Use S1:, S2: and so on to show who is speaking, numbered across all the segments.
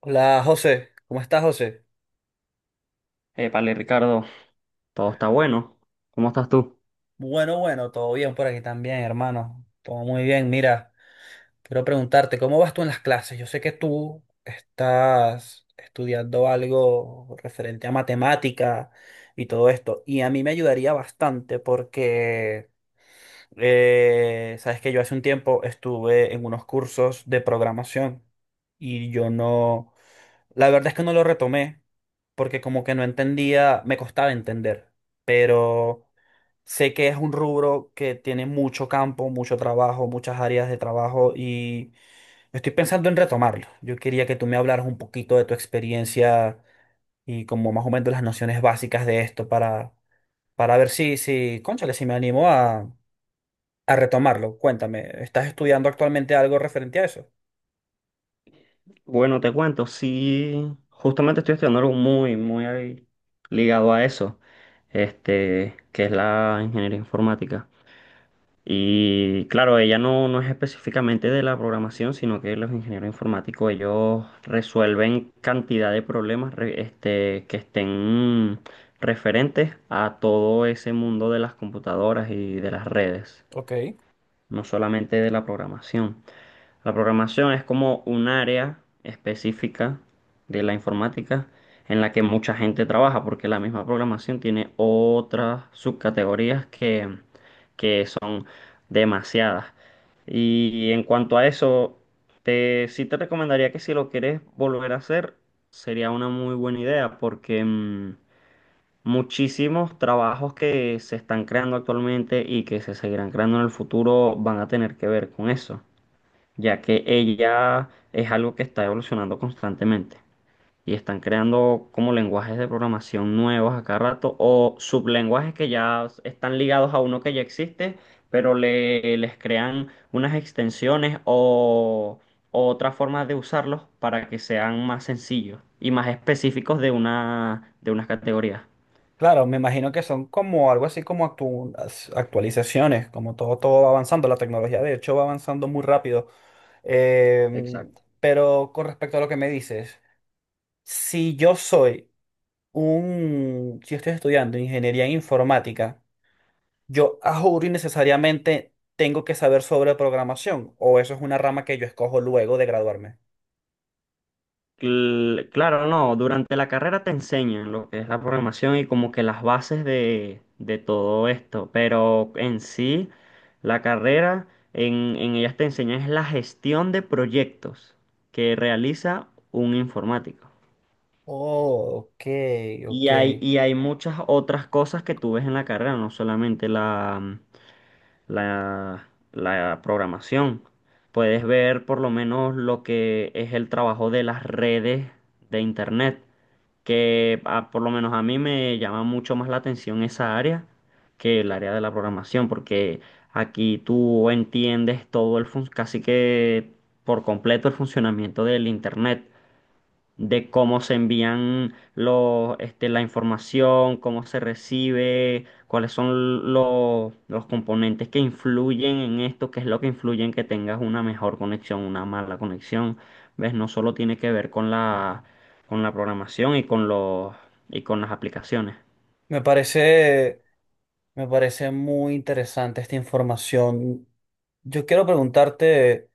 S1: Hola José, ¿cómo estás, José?
S2: Épale, Ricardo, todo está bueno. ¿Cómo estás tú?
S1: Bueno, todo bien por aquí también, hermano. Todo muy bien. Mira, quiero preguntarte, ¿cómo vas tú en las clases? Yo sé que tú estás estudiando algo referente a matemática y todo esto, y a mí me ayudaría bastante porque sabes que yo hace un tiempo estuve en unos cursos de programación y yo no, la verdad es que no lo retomé porque como que no entendía, me costaba entender, pero sé que es un rubro que tiene mucho campo, mucho trabajo, muchas áreas de trabajo y estoy pensando en retomarlo. Yo quería que tú me hablaras un poquito de tu experiencia y como más o menos las nociones básicas de esto para ver cónchale, si me animo a retomarlo. Cuéntame, ¿estás estudiando actualmente algo referente a eso?
S2: Bueno, te cuento, sí, justamente estoy estudiando algo muy ahí ligado a eso, que es la ingeniería informática. Y claro, ella no es específicamente de la programación, sino que los ingenieros informáticos, ellos resuelven cantidad de problemas, que estén referentes a todo ese mundo de las computadoras y de las redes,
S1: Ok.
S2: no solamente de la programación. La programación es como un área específica de la informática en la que mucha gente trabaja, porque la misma programación tiene otras subcategorías que son demasiadas. Y en cuanto a eso, sí te recomendaría que si lo quieres volver a hacer, sería una muy buena idea, porque muchísimos trabajos que se están creando actualmente y que se seguirán creando en el futuro van a tener que ver con eso, ya que ella es algo que está evolucionando constantemente y están creando como lenguajes de programación nuevos a cada rato o sublenguajes que ya están ligados a uno que ya existe, pero les crean unas extensiones o otras formas de usarlos para que sean más sencillos y más específicos de de unas categorías.
S1: Claro, me imagino que son como algo así como actualizaciones, como todo va avanzando, la tecnología de hecho va avanzando muy rápido. Em,
S2: Exacto.
S1: pero con respecto a lo que me dices, si yo soy si estoy estudiando ingeniería informática, yo a juro y necesariamente tengo que saber sobre programación, o eso es una rama que yo escojo luego de graduarme.
S2: Claro, no, durante la carrera te enseñan lo que es la programación y como que las bases de todo esto, pero en sí, la carrera, en ellas te enseñan es la gestión de proyectos que realiza un informático.
S1: Oh, ok,
S2: Y
S1: ok.
S2: hay, y hay muchas otras cosas que tú ves en la carrera, no solamente la, la programación. Puedes ver por lo menos lo que es el trabajo de las redes de Internet, que por lo menos a mí me llama mucho más la atención esa área que el área de la programación, porque aquí tú entiendes todo el casi que por completo el funcionamiento del Internet, de cómo se envían la información, cómo se recibe, cuáles son los componentes que influyen en esto, qué es lo que influye en que tengas una mejor conexión, una mala conexión. ¿Ves? No solo tiene que ver con con la programación y con y con las aplicaciones.
S1: Me parece, me parece muy interesante esta información. Yo quiero preguntarte,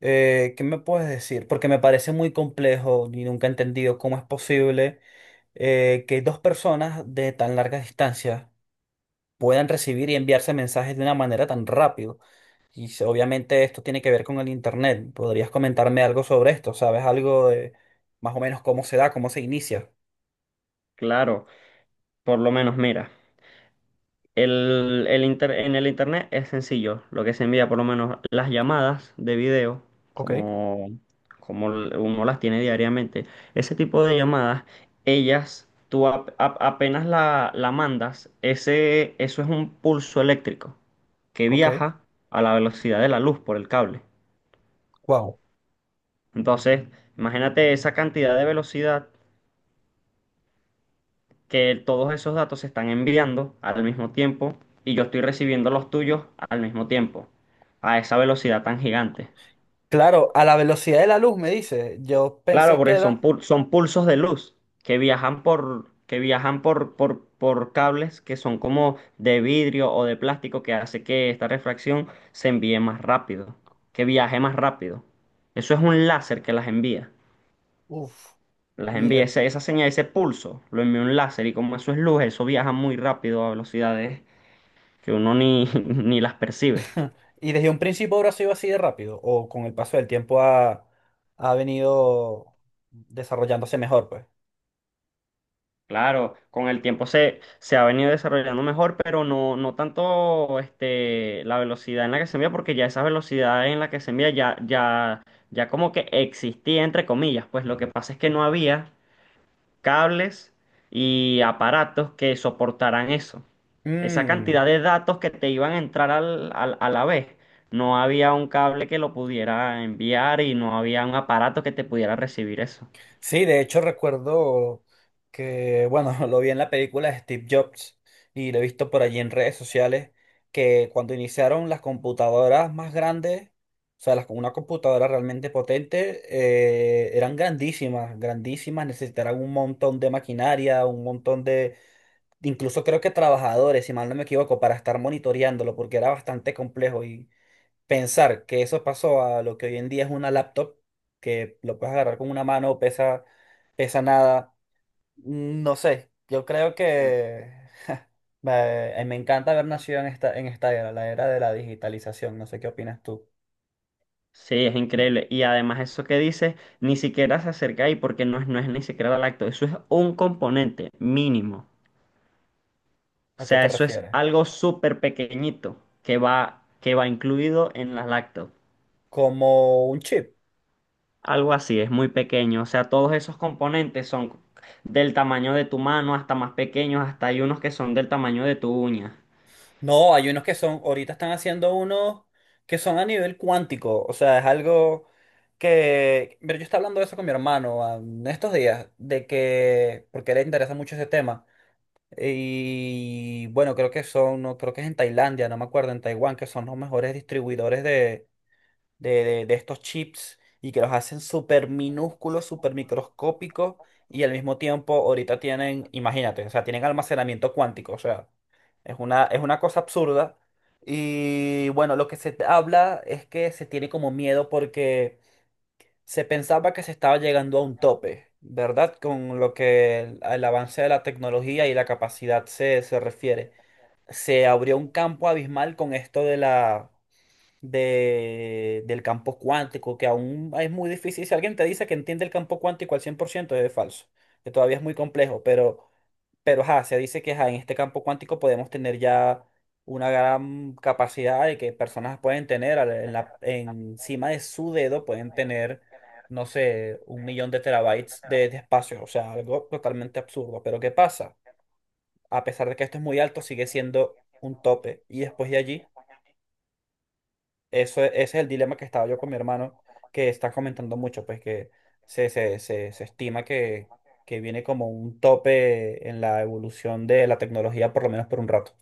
S1: ¿qué me puedes decir? Porque me parece muy complejo y nunca he entendido cómo es posible que dos personas de tan larga distancia puedan recibir y enviarse mensajes de una manera tan rápido. Obviamente esto tiene que ver con el internet. ¿Podrías comentarme algo sobre esto? ¿Sabes algo de más o menos cómo se da, cómo se inicia?
S2: Claro, por lo menos, mira. En el internet es sencillo, lo que se envía, por lo menos las llamadas de video,
S1: Ok,
S2: como, como uno las tiene diariamente, ese tipo de llamadas, ellas, tú apenas la mandas, eso es un pulso eléctrico que
S1: ok.
S2: viaja a la velocidad de la luz por el cable.
S1: Wow.
S2: Entonces, imagínate esa cantidad de velocidad, que todos esos datos se están enviando al mismo tiempo y yo estoy recibiendo los tuyos al mismo tiempo, a esa velocidad tan gigante.
S1: Claro, a la velocidad de la luz, me dice. Yo
S2: Claro,
S1: pensé que
S2: porque son,
S1: era.
S2: son pulsos de luz que viajan por cables que son como de vidrio o de plástico, que hace que esta refracción se envíe más rápido, que viaje más rápido. Eso es un láser que las envía.
S1: Uf,
S2: Las envía
S1: mira.
S2: esa señal, ese pulso, lo envía un láser y como eso es luz, eso viaja muy rápido a velocidades que uno ni, ni las percibe.
S1: Y desde un principio ahora ha sido así de rápido. O con el paso del tiempo ha venido desarrollándose mejor, pues.
S2: Claro, con el tiempo se ha venido desarrollando mejor, pero no, no tanto la velocidad en la que se envía, porque ya esa velocidad en la que se envía ya como que existía, entre comillas, pues lo que pasa es que no había cables y aparatos que soportaran eso. Esa
S1: Mm.
S2: cantidad de datos que te iban a entrar a la vez. No había un cable que lo pudiera enviar y no había un aparato que te pudiera recibir eso.
S1: Sí, de hecho recuerdo que, bueno, lo vi en la película de Steve Jobs y lo he visto por allí en redes sociales, que cuando iniciaron las computadoras más grandes, o sea, una computadora realmente potente, eran grandísimas, grandísimas, necesitaban un montón de maquinaria, un incluso creo que trabajadores, si mal no me equivoco, para estar monitoreándolo, porque era bastante complejo. Pensar que eso pasó a lo que hoy en día es una laptop, que lo puedes agarrar con una mano, pesa nada. Mm, no sé, yo creo que me encanta haber nacido en esta era, la era de la digitalización, no sé qué opinas tú.
S2: Sí, es increíble. Y además eso que dices, ni siquiera se acerca ahí porque no es, no es ni siquiera lacto. Eso es un componente mínimo. O
S1: ¿A qué
S2: sea,
S1: te
S2: eso es
S1: refieres?
S2: algo súper pequeñito que va incluido en las lactos.
S1: Como un chip.
S2: Algo así, es muy pequeño. O sea, todos esos componentes son del tamaño de tu mano hasta más pequeños, hasta hay unos que son del tamaño de tu uña.
S1: No, hay unos que son, ahorita están haciendo unos que son a nivel cuántico, o sea, es algo que, pero yo estaba hablando de eso con mi hermano, ah, en estos días, de que, porque a él le interesa mucho ese tema. Y bueno, creo que son, no, creo que es en Tailandia, no me acuerdo, en Taiwán, que son los mejores distribuidores de estos chips y que los hacen súper minúsculos, súper microscópicos y al mismo tiempo ahorita tienen, imagínate, o sea, tienen almacenamiento cuántico, o sea, es es una cosa absurda. Y bueno, lo que se habla es que se tiene como miedo porque se pensaba que se estaba llegando a un tope, ¿verdad? Con lo que el, al avance de la tecnología y la capacidad se refiere. Se abrió un campo abismal con esto de del campo cuántico, que aún es muy difícil. Si alguien te dice que entiende el campo cuántico al 100% es falso, que todavía es muy complejo, pero ajá, se dice que ajá, en este campo cuántico podemos tener ya una gran capacidad de que personas pueden tener encima de su dedo, pueden tener, no sé, un millón de terabytes de espacio, o sea, algo totalmente absurdo. Pero ¿qué pasa? A pesar de que esto es muy alto, sigue siendo un tope. Y después de allí ese es el dilema que estaba yo con mi hermano, que está comentando mucho, pues que se estima que viene como un tope en la evolución de la tecnología, por lo menos por un rato.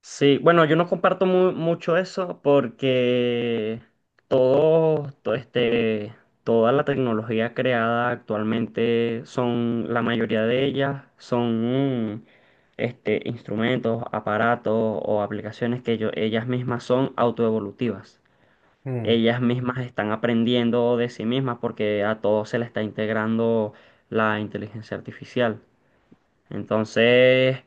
S2: Sí, bueno, yo no comparto mucho eso porque todo, toda la tecnología creada actualmente son, la mayoría de ellas son instrumentos, aparatos o aplicaciones que ellas mismas son autoevolutivas.
S1: Mm.
S2: Ellas mismas están aprendiendo de sí mismas porque a todos se le está integrando la inteligencia artificial. Entonces,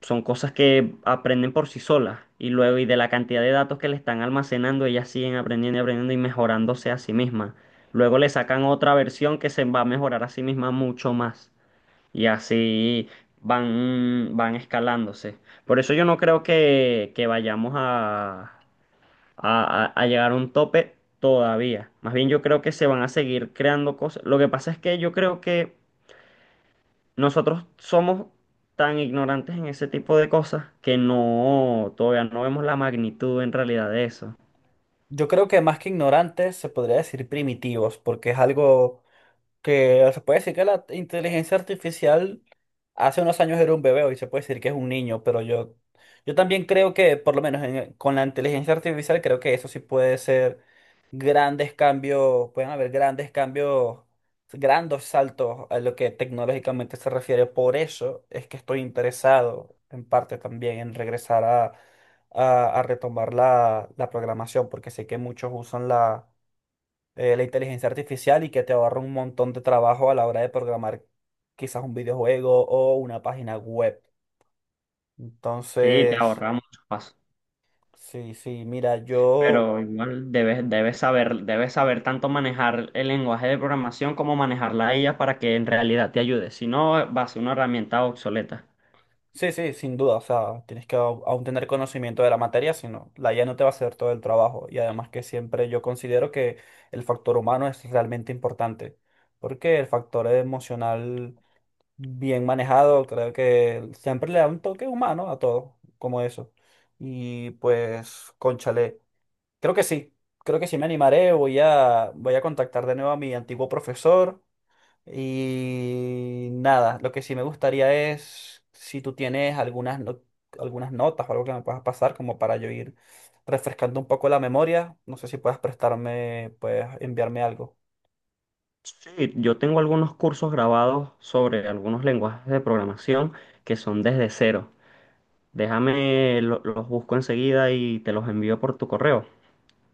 S2: son cosas que aprenden por sí solas. Y luego, y de la cantidad de datos que le están almacenando, ellas siguen aprendiendo y aprendiendo y mejorándose a sí mismas. Luego le sacan otra versión que se va a mejorar a sí misma mucho más. Y así van, van escalándose. Por eso yo no creo que vayamos a llegar a un tope todavía. Más bien yo creo que se van a seguir creando cosas. Lo que pasa es que yo creo que nosotros somos tan ignorantes en ese tipo de cosas que no, todavía no vemos la magnitud en realidad de eso.
S1: Yo creo que más que ignorantes, se podría decir primitivos, porque es algo que se puede decir que la inteligencia artificial hace unos años era un bebé, hoy se puede decir que es un niño, pero yo también creo que, por lo menos con la inteligencia artificial, creo que eso sí puede ser grandes cambios, pueden haber grandes cambios, grandes saltos a lo que tecnológicamente se refiere. Por eso es que estoy interesado en parte también en regresar a retomar la programación, porque sé que muchos usan la inteligencia artificial y que te ahorra un montón de trabajo a la hora de programar quizás un videojuego o una página web.
S2: Sí, te
S1: Entonces,
S2: ahorra muchos pasos,
S1: sí, sí, mira, yo...
S2: pero igual debes, debes saber tanto manejar el lenguaje de programación como manejar la IA para que en realidad te ayude. Si no, va a ser una herramienta obsoleta.
S1: Sí, sí, sin duda. O sea, tienes que aún tener conocimiento de la materia, sino la IA no te va a hacer todo el trabajo. Y además que siempre yo considero que el factor humano es realmente importante, porque el factor emocional bien manejado, creo que siempre le da un toque humano a todo, como eso. Y pues, cónchale, creo que sí, creo que sí me animaré. Voy a contactar de nuevo a mi antiguo profesor y nada, lo que sí me gustaría es si tú tienes algunas, no- algunas notas o algo que me puedas pasar como para yo ir refrescando un poco la memoria. No sé si puedas prestarme, puedes enviarme algo.
S2: Sí, yo tengo algunos cursos grabados sobre algunos lenguajes de programación que son desde cero. Déjame, los busco enseguida y te los envío por tu correo.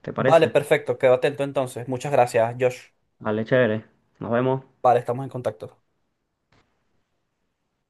S2: ¿Te
S1: Vale,
S2: parece?
S1: perfecto, quedo atento entonces. Muchas gracias, Josh.
S2: Vale, chévere. Nos vemos.
S1: Vale, estamos en contacto.